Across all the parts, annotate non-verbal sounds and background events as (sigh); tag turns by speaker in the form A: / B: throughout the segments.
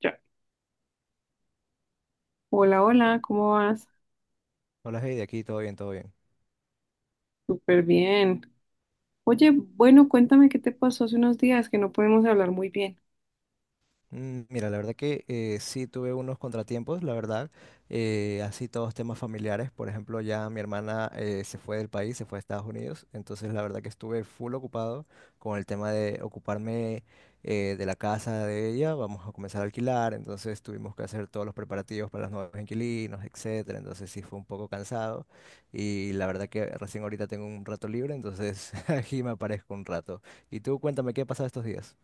A: Ya. Hola, hola, ¿cómo vas?
B: Hola, hey, de aquí todo bien, todo bien.
A: Súper bien. Oye, bueno, cuéntame qué te pasó hace unos días que no podemos hablar muy bien.
B: Mira, la verdad que sí tuve unos contratiempos, la verdad, así todos temas familiares. Por ejemplo, ya mi hermana se fue del país, se fue a Estados Unidos, entonces la verdad que estuve full ocupado con el tema de ocuparme de la casa de ella. Vamos a comenzar a alquilar, entonces tuvimos que hacer todos los preparativos para los nuevos inquilinos, etcétera. Entonces sí fue un poco cansado y la verdad que recién ahorita tengo un rato libre, entonces (laughs) aquí me aparezco un rato. Y tú cuéntame qué ha pasado estos días.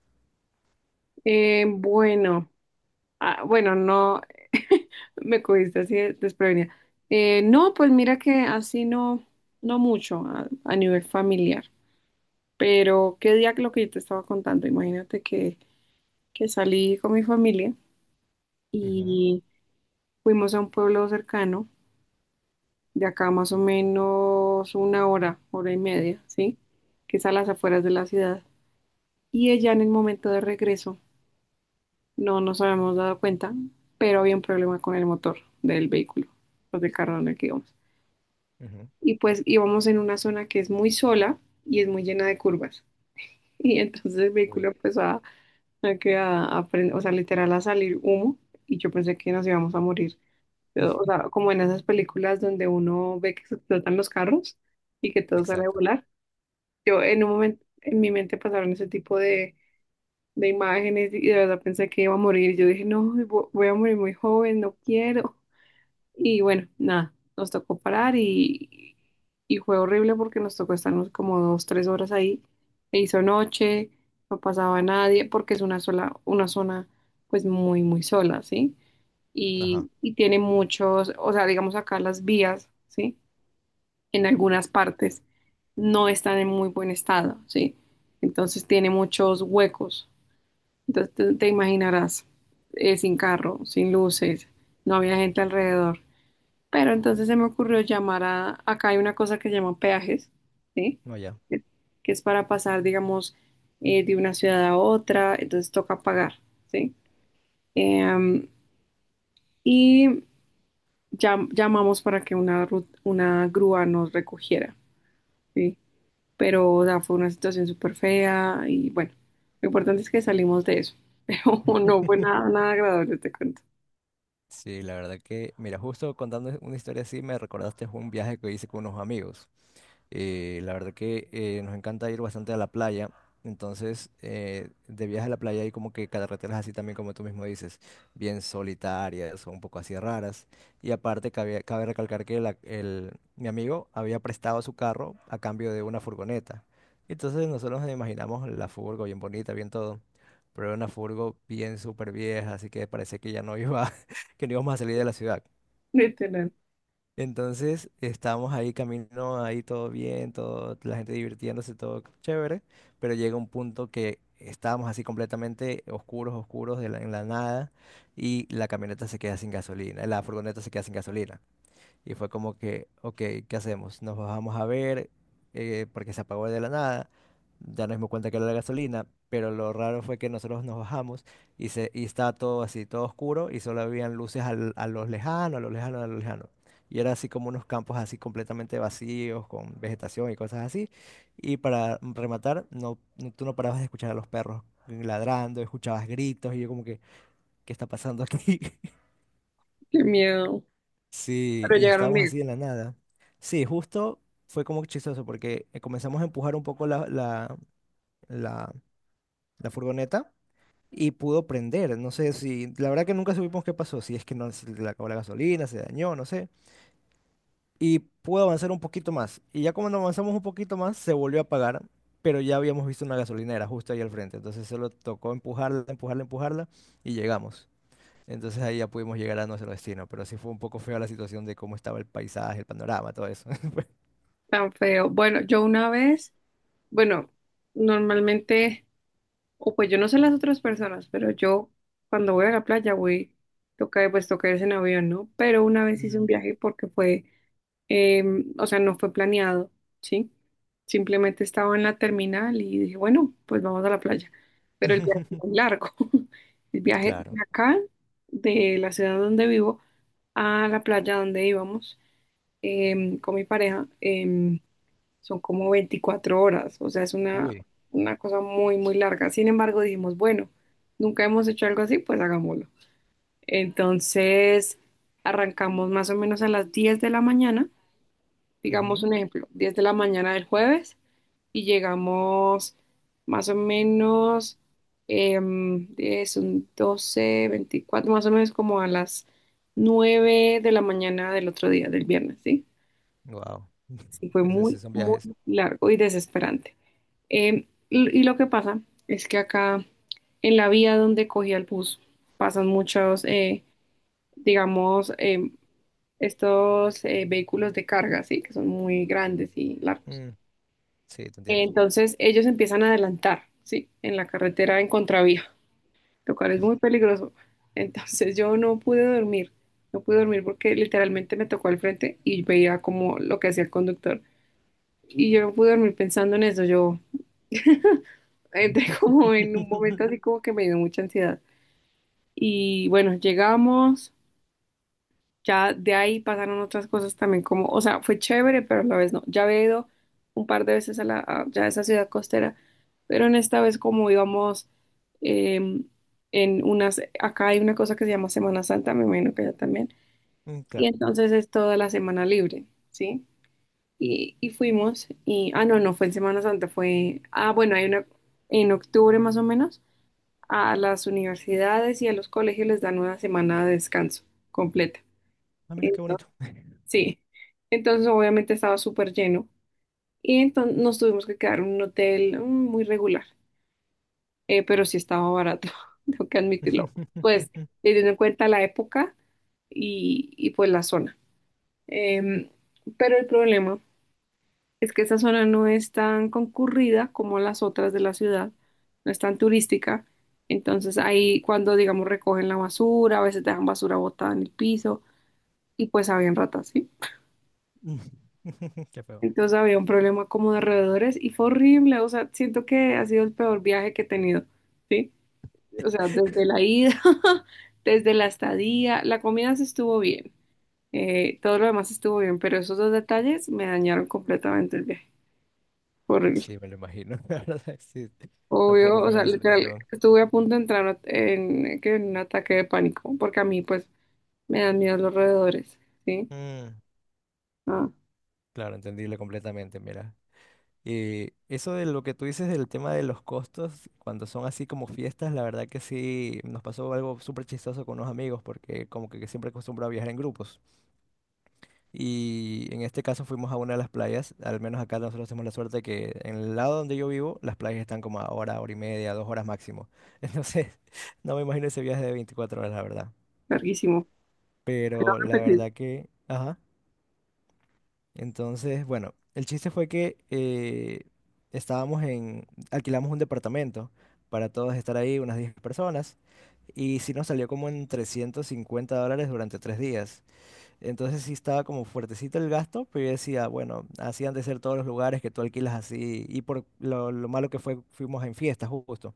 A: Bueno, bueno, no, (laughs) me cogiste así desprevenida. No, pues mira que así no, no mucho a nivel familiar, pero qué día que lo que yo te estaba contando, imagínate que salí con mi familia
B: Ujú.
A: y fuimos a un pueblo cercano de acá más o menos una hora, hora y media, ¿sí? Que es a las afueras de la ciudad. Y ella en el momento de regreso, no nos habíamos dado cuenta, pero había un problema con el motor del vehículo, pues del carro en el que íbamos.
B: Ujú.
A: Y pues íbamos en una zona que es muy sola y es muy llena de curvas. (laughs) Y entonces el
B: Uy.
A: vehículo empezó que a o sea, literal a salir humo y yo pensé que nos íbamos a morir. Pero, o sea,
B: (laughs)
A: como en esas películas donde uno ve que se explotan los carros y que todo sale a
B: Exacto.
A: volar. Yo en un momento, en mi mente pasaron ese tipo de imágenes y de verdad pensé que iba a morir. Yo dije, no, voy a morir muy joven, no quiero. Y bueno, nada, nos tocó parar y fue horrible porque nos tocó estarnos como dos, tres horas ahí. E hizo noche, no pasaba nadie porque es una sola, una zona pues muy, muy sola, ¿sí?
B: Ajá.
A: Y tiene muchos, o sea, digamos acá las vías, ¿sí?, en algunas partes no están en muy buen estado, ¿sí? Entonces tiene muchos huecos. Entonces te imaginarás, sin carro, sin luces, no había gente alrededor. Pero entonces se me ocurrió llamar a, acá hay una cosa que se llama peajes, ¿sí?
B: No, ya.
A: Que que es para pasar, digamos, de una ciudad a otra, entonces toca pagar, ¿sí? Em, y llamamos para que una, una grúa nos recogiera, ¿sí? Pero o sea, fue una situación súper fea y bueno, lo importante es que salimos de eso, (laughs) pero no fue
B: (laughs)
A: nada, nada agradable, te cuento,
B: Sí, la verdad que, mira, justo contando una historia así, me recordaste un viaje que hice con unos amigos. La verdad que nos encanta ir bastante a la playa. Entonces, de viaje a la playa hay como que carreteras así también, como tú mismo dices, bien solitarias o un poco así raras. Y aparte, cabe recalcar que mi amigo había prestado su carro a cambio de una furgoneta. Entonces, nosotros nos imaginamos la furgo bien bonita, bien todo. Pero era una furgo bien súper vieja, así que parecía que ya no iba, (laughs) que no íbamos a salir de la ciudad.
A: literal,
B: Entonces estábamos ahí camino, ahí todo bien, todo, la gente divirtiéndose, todo chévere, pero llega un punto que estábamos así completamente oscuros, oscuros en la nada y la camioneta se queda sin gasolina, la furgoneta se queda sin gasolina. Y fue como que, ok, ¿qué hacemos? Nos bajamos a ver, porque se apagó de la nada, ya nos dimos cuenta que era la gasolina, pero lo raro fue que nosotros nos bajamos y, se, y estaba todo así, todo oscuro y solo habían luces a los lejanos, a los lejanos, a los lejanos. Y era así como unos campos así completamente vacíos, con vegetación y cosas así. Y para rematar, tú no parabas de escuchar a los perros ladrando, escuchabas gritos y yo como que, ¿qué está pasando aquí? (laughs)
A: qué miedo,
B: Sí,
A: pero
B: y
A: llegaron
B: estábamos
A: bien,
B: así en la nada. Sí, justo fue como chistoso porque comenzamos a empujar un poco la, la furgoneta y pudo prender. No sé si, la verdad que nunca supimos qué pasó, si es que no se le acabó la gasolina, se dañó, no sé. Y pudo avanzar un poquito más. Y ya cuando avanzamos un poquito más, se volvió a apagar, pero ya habíamos visto una gasolinera justo ahí al frente. Entonces solo tocó empujarla, empujarla, empujarla y llegamos. Entonces ahí ya pudimos llegar a nuestro destino, pero sí fue un poco fea la situación de cómo estaba el paisaje, el panorama, todo eso. (laughs) Fue-
A: tan feo. Bueno, yo una vez, bueno, normalmente, o pues yo no sé las otras personas, pero yo cuando voy a la playa voy, toca, pues toca irse en avión, ¿no? Pero una vez hice un
B: Mm.
A: viaje porque fue. Eh, o sea, no fue planeado, ¿sí? Simplemente estaba en la terminal y dije, bueno, pues vamos a la playa. Pero el viaje es muy
B: (laughs)
A: largo. (laughs) El viaje
B: Claro.
A: de acá, de la ciudad donde vivo, a la playa donde íbamos con mi pareja, son como 24 horas. O sea, es
B: Uy.
A: una cosa muy, muy larga. Sin embargo, dijimos, bueno, nunca hemos hecho algo así, pues hagámoslo. Entonces, arrancamos más o menos a las 10 de la mañana, digamos un ejemplo, 10 de la mañana del jueves, y llegamos más o menos 10, un 12 24 más o menos como a las 9 de la mañana del otro día, del viernes, ¿sí?
B: Wow. (laughs)
A: Sí, fue
B: Esos sí
A: muy,
B: son
A: muy
B: viajes.
A: largo y desesperante. Y, y lo que pasa es que acá en la vía donde cogía el bus pasan muchos, digamos, estos vehículos de carga, ¿sí? Que son muy grandes y largos.
B: Mm, sí, te entiendo.
A: Entonces ellos empiezan a adelantar, ¿sí? En la carretera en contravía, lo cual es muy peligroso. Entonces yo no pude dormir, no pude dormir porque literalmente me tocó al frente y veía como lo que hacía el conductor. Y yo no pude dormir pensando en eso, yo entré (laughs) como en un
B: (laughs)
A: momento así como que me dio mucha ansiedad. Y bueno, llegamos. Ya de ahí pasaron otras cosas también como, o sea, fue chévere, pero a la vez no. Ya había ido un par de veces a la, ya a esa ciudad costera, pero en esta vez como íbamos em, en unas, acá hay una cosa que se llama Semana Santa, me imagino que allá también,
B: Mm,
A: y
B: claro.
A: entonces es toda la semana libre, ¿sí? Y fuimos, y, ah, no, no fue en Semana Santa, fue, ah, bueno, hay una, en octubre más o menos, a las universidades y a los colegios les dan una semana de descanso completa.
B: Ah, mira qué
A: Entonces,
B: bonito.
A: sí, entonces obviamente estaba súper lleno y entonces nos tuvimos que quedar en un hotel, mm, muy regular, pero sí estaba barato, (laughs) tengo que admitirlo, pues
B: (laughs)
A: teniendo en cuenta la época y, pues la zona. Em, pero el problema es que esa zona no es tan concurrida como las otras de la ciudad, no es tan turística, entonces ahí cuando digamos recogen la basura, a veces dejan basura botada en el piso y pues habían ratas, ¿sí?
B: (laughs) Qué feo.
A: Entonces había un problema como de roedores y fue horrible, o sea, siento que ha sido el peor viaje que he tenido, ¿sí? O sea, desde
B: (laughs)
A: la ida, (laughs) desde la estadía, la comida se estuvo bien, todo lo demás estuvo bien, pero esos dos detalles me dañaron completamente el viaje. Fue horrible.
B: Sí, me lo imagino. (laughs) La verdad, sí.
A: Obvio,
B: Tampoco
A: o
B: fea
A: sea,
B: la
A: literal,
B: situación.
A: estuve a punto de entrar en, que en un ataque de pánico, porque a mí pues me dan miedo los roedores, ¿sí?
B: Mm,
A: Ah,
B: claro, entendible completamente, mira. Eso de lo que tú dices del tema de los costos, cuando son así como fiestas, la verdad que sí nos pasó algo súper chistoso con unos amigos, porque como que siempre acostumbro a viajar en grupos. Y en este caso fuimos a una de las playas, al menos acá nosotros tenemos la suerte que en el lado donde yo vivo, las playas están como a hora, hora y media, 2 horas máximo. (laughs) Entonces, no me imagino ese viaje de 24 horas, la verdad.
A: larguísimo. Quiero
B: Pero la
A: repetir,
B: verdad que... Ajá. Entonces, bueno, el chiste fue que estábamos en, alquilamos un departamento para todos estar ahí, unas 10 personas, y sí nos salió como en $350 durante 3 días. Entonces sí estaba como fuertecito el gasto, pero yo decía, bueno, así han de ser todos los lugares que tú alquilas así, y por lo malo que fue, fuimos en fiestas justo.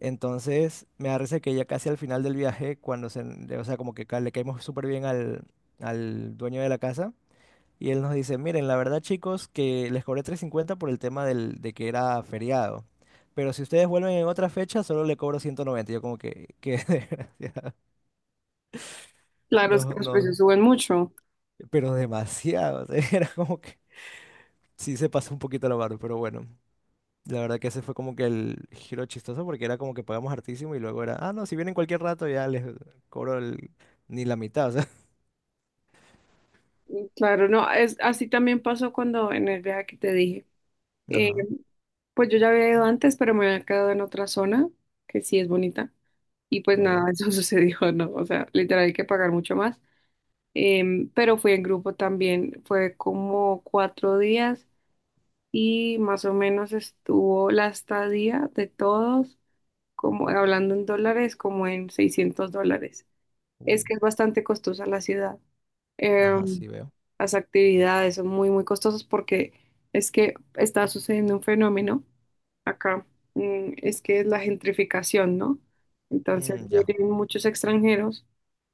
B: Entonces me parece que ya casi al final del viaje, cuando se, o sea, como que ca- le caímos súper bien al dueño de la casa, y él nos dice, miren, la verdad chicos, que les cobré 350 por el tema de que era feriado. Pero si ustedes vuelven en otra fecha, solo le cobro 190. Yo como que (laughs) desgracia.
A: claro, es que
B: No,
A: los precios
B: no,
A: suben mucho.
B: pero demasiado. (laughs) Era como que sí se pasó un poquito la barra, pero bueno. La verdad que ese fue como que el giro chistoso porque era como que pagamos hartísimo y luego era, ah, no, si vienen cualquier rato ya les cobro el, ni la mitad, o sea.
A: Claro, no, es, así también pasó cuando en el viaje que te dije.
B: (laughs)
A: Eh,
B: Ajá,
A: pues yo ya había ido antes, pero me había quedado en otra zona, que sí es bonita, y pues
B: no, ya.
A: nada, (laughs) eso sucedió, ¿no? O sea, literal hay que pagar mucho más. Pero fui en grupo también, fue como 4 días y más o menos estuvo la estadía de todos, como hablando en dólares, como en $600, es
B: Uy,
A: que es bastante costosa la ciudad.
B: ajá,
A: Em,
B: sí veo.
A: las actividades son muy, muy costosas porque es que está sucediendo un fenómeno acá, mm, es que es la gentrificación, ¿no? Entonces
B: Mm, ya.
A: vienen muchos extranjeros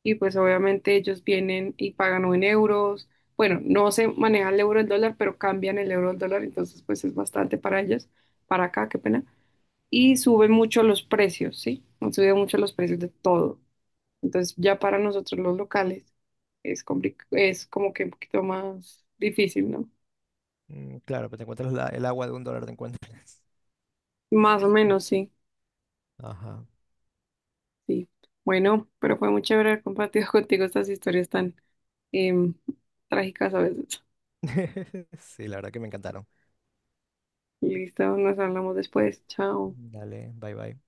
A: y pues obviamente ellos vienen y pagan o en euros. Bueno, no se maneja el euro al dólar, pero cambian el euro al dólar, entonces pues es bastante para ellos, para acá, qué pena. Y suben mucho los precios, ¿sí? Han subido mucho los precios de todo. Entonces ya para nosotros los locales es es como que un poquito más difícil, ¿no?
B: Mm, claro, pero te encuentras el agua de $1, te encuentras.
A: Más o menos, sí,
B: Ajá.
A: sí. Bueno, pero fue muy chévere haber compartido (laughs) contigo estas historias tan em, trágicas a veces.
B: (laughs) Sí, la verdad que me encantaron.
A: Listo, nos hablamos después. Chao.
B: Dale, bye bye.